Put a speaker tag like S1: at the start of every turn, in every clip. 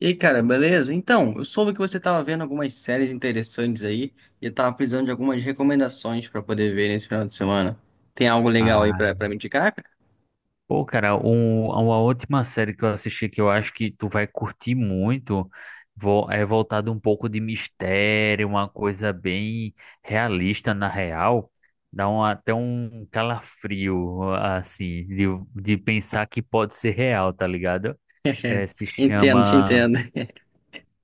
S1: E aí, cara, beleza? Então, eu soube que você estava vendo algumas séries interessantes aí e eu tava precisando de algumas recomendações para poder ver nesse final de semana. Tem algo legal aí pra
S2: Ah,
S1: para me indicar, cara?
S2: pô, cara, uma última série que eu assisti que eu acho que tu vai curtir muito é voltado um pouco de mistério, uma coisa bem realista na real. Dá até um calafrio, assim, de pensar que pode ser real, tá ligado? É, se
S1: Entendo, te
S2: chama,
S1: entendo.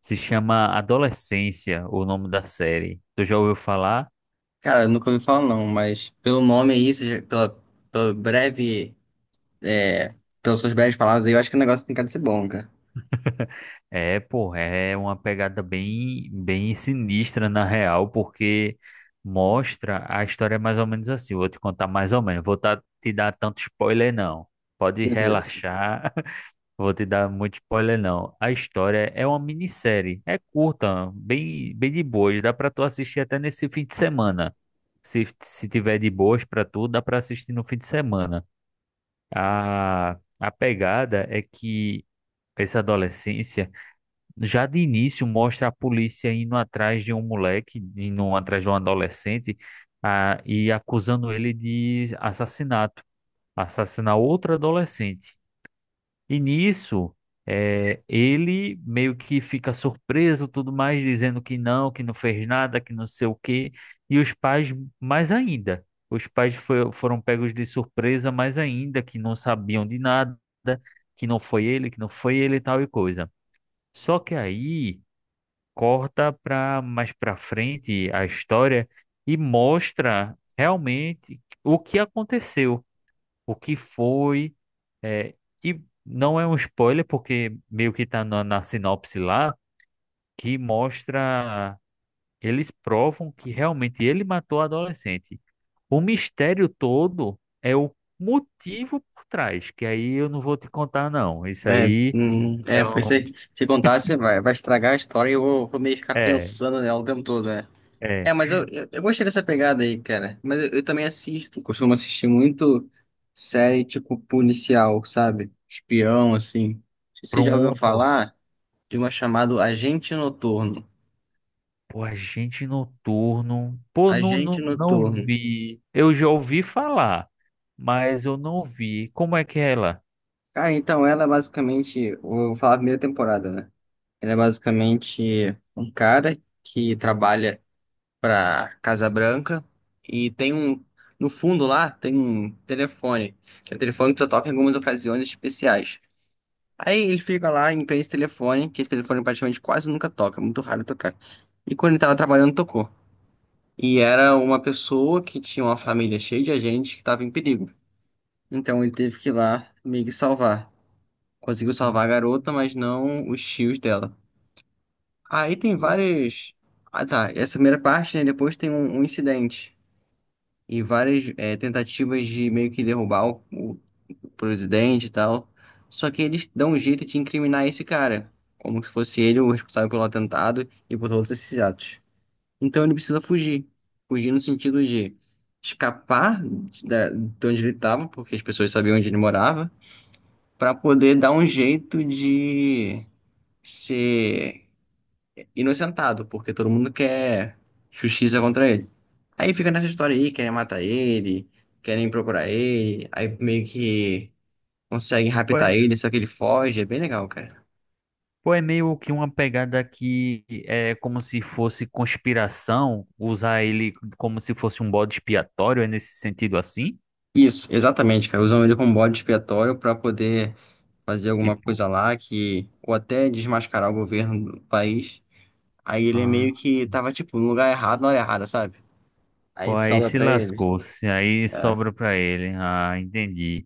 S2: se chama Adolescência, o nome da série. Tu já ouviu falar?
S1: Cara, eu nunca ouvi falar não, mas pelo nome aí, pela é, pelas suas breves palavras aí, eu acho que o negócio tem cara de ser bom, cara.
S2: É, pô, é uma pegada bem sinistra na real, porque mostra a história mais ou menos assim. Vou te contar mais ou menos. Vou te dar tanto spoiler, não. Pode
S1: Meu Deus.
S2: relaxar. Vou te dar muito spoiler, não. A história é uma minissérie. É curta, bem de boas. Dá pra tu assistir até nesse fim de semana. Se se, tiver de boas pra tu, dá pra assistir no fim de semana. A pegada é que essa adolescência. Já de início mostra a polícia indo atrás de um moleque, indo atrás de um adolescente, e acusando ele de assassinato, assassinar outra adolescente. E nisso, ele meio que fica surpreso, tudo mais, dizendo que não fez nada, que não sei o quê. E os pais, mais ainda, os pais foram pegos de surpresa, mais ainda, que não sabiam de nada, que não foi ele, e tal e coisa. Só que aí corta para mais para frente a história e mostra realmente o que aconteceu, o que foi, é, e não é um spoiler porque meio que está na sinopse lá que mostra eles provam que realmente ele matou a adolescente. O mistério todo é o motivo por trás, que aí eu não vou te contar não. Isso
S1: É,
S2: aí é
S1: Porque
S2: um,
S1: se contar, você vai, vai estragar a história e eu vou, vou meio que ficar
S2: é,
S1: pensando nela o tempo todo, né?
S2: é
S1: É, mas eu gostei dessa pegada aí, cara. Mas eu também assisto, costumo assistir muito série tipo policial, sabe? Espião, assim. Não sei se você já ouviu
S2: Pronto.
S1: falar de uma chamada Agente Noturno?
S2: Pô, Agente Noturno. Pô,
S1: Agente
S2: não
S1: Noturno.
S2: vi. Eu já ouvi falar, mas eu não vi. Como é que é ela?
S1: Ah, então ela é basicamente, vou falar a primeira temporada, né? Ela é basicamente um cara que trabalha pra Casa Branca e tem um, no fundo lá, tem um telefone, que é um telefone que só toca em algumas ocasiões especiais. Aí ele fica lá e prende esse telefone, que esse telefone praticamente quase nunca toca, muito raro tocar. E quando ele tava trabalhando, tocou. E era uma pessoa que tinha uma família cheia de gente que tava em perigo. Então ele teve que ir lá meio que salvar. Conseguiu salvar a
S2: Hum.
S1: garota, mas não os tios dela. Aí tem vários. Ah tá, essa primeira parte, né? Depois tem um incidente. E tentativas de meio que derrubar o presidente e tal. Só que eles dão um jeito de incriminar esse cara, como se fosse ele o responsável pelo atentado e por todos esses atos. Então ele precisa fugir. Fugir no sentido de escapar de onde ele estava, porque as pessoas sabiam onde ele morava, para poder dar um jeito de ser inocentado, porque todo mundo quer justiça contra ele. Aí fica nessa história aí, querem matar ele, querem procurar ele, aí meio que conseguem
S2: Pô,
S1: raptar
S2: é
S1: ele, só que ele foge, é bem legal, cara.
S2: pô, é meio que uma pegada que é como se fosse conspiração, usar ele como se fosse um bode expiatório, é nesse sentido assim?
S1: Isso, exatamente, cara. Usam ele como bode expiatório pra poder fazer alguma
S2: Tipo,
S1: coisa lá que, ou até desmascarar o governo do país. Aí ele é meio
S2: ah,
S1: que tava, tipo, no lugar errado, na hora errada, sabe?
S2: pô,
S1: Aí
S2: aí
S1: sobra
S2: se
S1: pra ele.
S2: lascou, se aí
S1: É,
S2: sobra pra ele. Ah, entendi.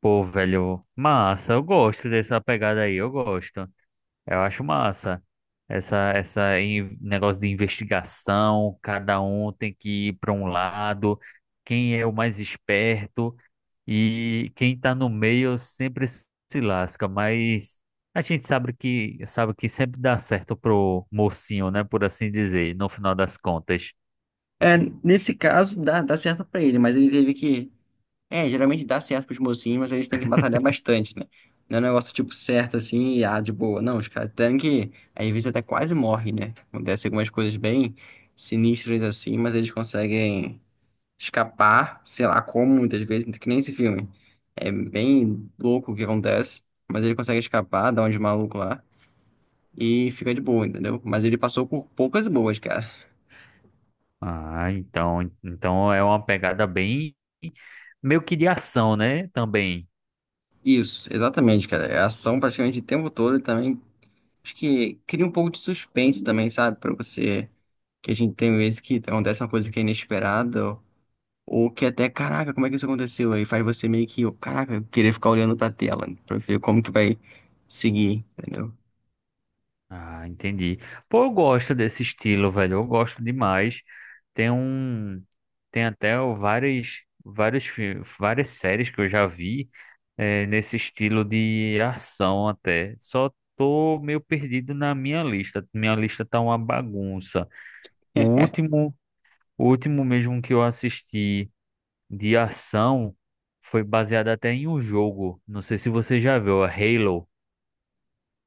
S2: Pô, velho, massa, eu gosto dessa pegada aí, eu gosto. Eu acho massa. Negócio de investigação, cada um tem que ir para um lado, quem é o mais esperto e quem está no meio sempre se lasca, mas a gente sabe que sempre dá certo pro mocinho, né, por assim dizer, no final das contas.
S1: é, nesse caso dá, dá certo pra ele, mas ele teve que é, geralmente dá certo pros mocinhos, mas eles têm que batalhar bastante, né? Não é um negócio tipo certo assim, e, ah, de boa. Não, os caras têm que. Às vezes até quase morre, né? Acontece algumas coisas bem sinistras assim, mas eles conseguem escapar, sei lá como, muitas vezes, que nem esse filme. É bem louco o que acontece, mas ele consegue escapar, dá um de maluco lá e fica de boa, entendeu? Mas ele passou por poucas boas, cara.
S2: Ah, então é uma pegada bem meio que de ação, né, também.
S1: Isso, exatamente, cara. É ação praticamente o tempo todo e também acho que cria um pouco de suspense também, sabe? Pra você. Que a gente tem vezes que acontece uma coisa que é inesperada, ou que até, caraca, como é que isso aconteceu? Aí faz você meio que, caraca, querer ficar olhando pra tela, né? Pra ver como que vai seguir, entendeu?
S2: Ah, entendi. Pô, eu gosto desse estilo, velho. Eu gosto demais. Tem um, tem até várias séries que eu já vi nesse estilo de ação até. Só tô meio perdido na minha lista. Minha lista tá uma bagunça. O último, o último mesmo que eu assisti de ação foi baseado até em um jogo. Não sei se você já viu, a Halo.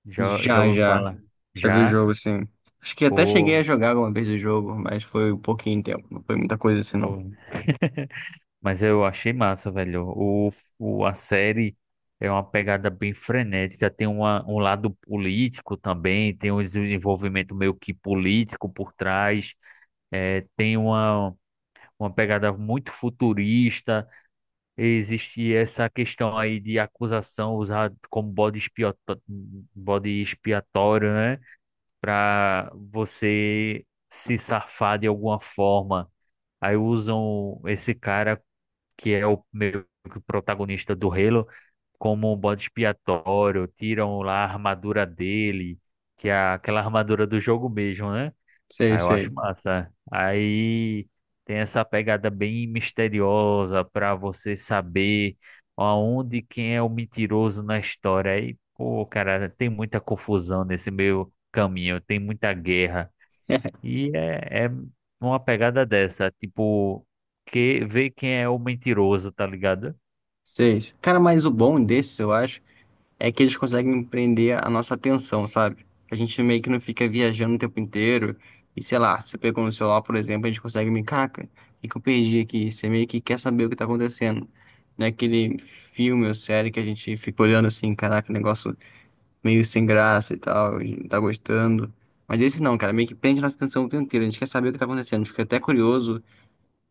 S2: Já
S1: Já,
S2: ouviu
S1: já.
S2: falar?
S1: Já vi o
S2: Já?
S1: jogo, sim. Acho que até cheguei a
S2: Pô.
S1: jogar alguma vez o jogo, mas foi um pouquinho tempo. Não foi muita coisa assim, não.
S2: pô, Mas eu achei massa, velho. A série é uma pegada bem frenética. Um lado político também, tem um desenvolvimento meio que político por trás. Tem uma pegada muito futurista. Existe essa questão aí de acusação usada como bode expiatório, né? Para você se safar de alguma forma. Aí usam esse cara que é o meio que o protagonista do Halo, como um bode expiatório, tiram lá a armadura dele, que é aquela armadura do jogo mesmo, né?
S1: Sei,
S2: Aí eu acho
S1: sei.
S2: massa. Aí tem essa pegada bem misteriosa para você saber aonde quem é o mentiroso na história. Aí, pô, cara, tem muita confusão nesse meio caminho, tem muita guerra. É uma pegada dessa, tipo, que ver quem é o mentiroso, tá ligado?
S1: Sei. Cara, mas o bom desse, eu acho. É que eles conseguem prender a nossa atenção, sabe? A gente meio que não fica viajando o tempo inteiro. E sei lá, você pegou no celular, por exemplo, a gente consegue me caca, o que que eu perdi aqui? Você meio que quer saber o que tá acontecendo. Não é aquele filme ou série que a gente fica olhando assim, caraca, negócio meio sem graça e tal, a gente não tá gostando. Mas esse não, cara, meio que prende nossa atenção o tempo inteiro. A gente quer saber o que tá acontecendo, fica até curioso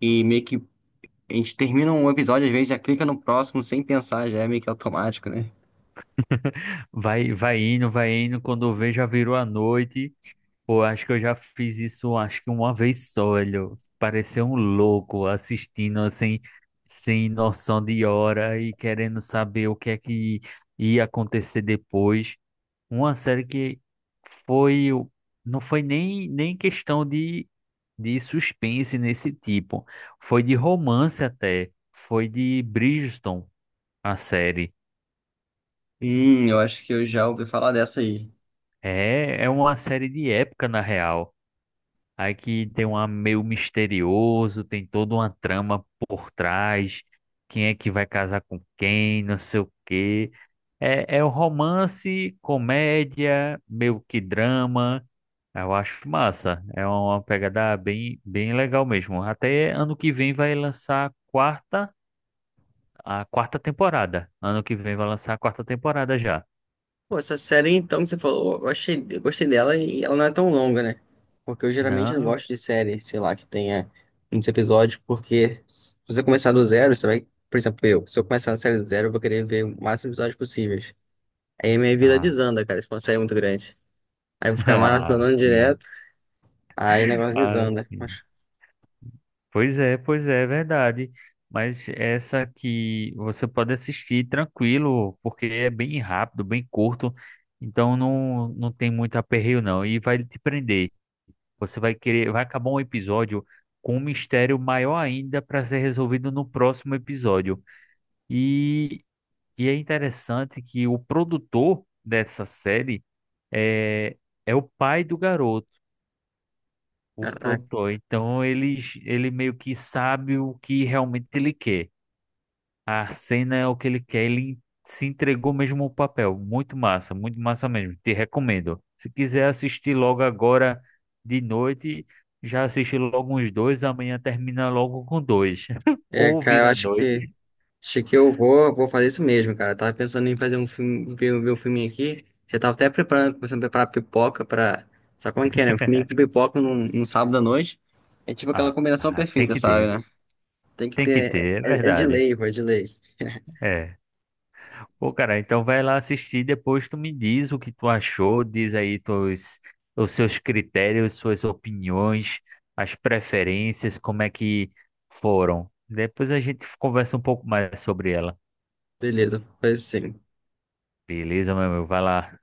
S1: e meio que a gente termina um episódio, às vezes já clica no próximo sem pensar, já é meio que automático, né?
S2: Vai vai indo, quando vê já virou a noite. Pô, acho que eu já fiz isso, acho que uma vez só, olho. Parecer um louco assistindo sem noção de hora e querendo saber o que é que ia acontecer depois. Uma série que foi, o- não foi nem questão de suspense nesse tipo. Foi de romance até. Foi de Bridgerton, a série.
S1: Eu acho que eu já ouvi falar dessa aí.
S2: É uma série de época, na real. Aí que tem um ar meio misterioso, tem toda uma trama por trás, quem é que vai casar com quem, não sei o quê. É um romance, comédia, meio que drama. Eu acho massa. É uma pegada bem legal mesmo. Até ano que vem vai lançar a quarta temporada. Ano que vem vai lançar a quarta temporada já.
S1: Pô, essa série então que você falou, eu achei, eu gostei dela e ela não é tão longa, né? Porque eu geralmente não
S2: Não?
S1: gosto de série, sei lá, que tenha muitos episódios, porque se você começar do zero, você vai, por exemplo, eu, se eu começar na série do zero, eu vou querer ver o máximo de episódios possíveis. Aí minha vida
S2: Ah,
S1: desanda, cara, se for uma série muito grande. Aí eu vou ficar
S2: ah,
S1: maratonando
S2: sim.
S1: direto, aí o negócio
S2: Ah,
S1: desanda. Mas,
S2: sim. Pois é, é verdade. Mas essa que você pode assistir tranquilo, porque é bem rápido, bem curto, então não tem muito aperreio não. E vai te prender. Você vai querer, vai acabar um episódio com um mistério maior ainda para ser resolvido no próximo episódio. E, e é interessante que o produtor dessa série é, é o pai do garoto o
S1: caraca,
S2: produtor. Ele meio que sabe o que realmente ele quer. A cena é o que ele quer, ele se entregou mesmo ao papel. Muito massa mesmo. Te recomendo. Se quiser assistir logo agora de noite, já assiste logo uns dois, amanhã termina logo com dois.
S1: é,
S2: Ou
S1: cara, eu
S2: vira à
S1: acho que
S2: noite.
S1: acho que eu vou, vou fazer isso mesmo, cara. Eu tava pensando em fazer um filme, ver, ver um filminho aqui. Já tava até preparando, começando a preparar pipoca pra. Sabe como é que é, né? Um filminho com pipoca num sábado à noite. É tipo aquela combinação
S2: Tem
S1: perfeita,
S2: que
S1: sabe, né? Tem que ter.
S2: ter, é
S1: É, é de
S2: verdade.
S1: lei, pô, é de lei.
S2: É. Pô, cara, então vai lá assistir, depois tu me diz o que tu achou, diz aí tuas, os seus critérios, suas opiniões, as preferências, como é que foram. Depois a gente conversa um pouco mais sobre ela.
S1: Beleza, faz isso sim.
S2: Beleza, meu amigo? Vai lá.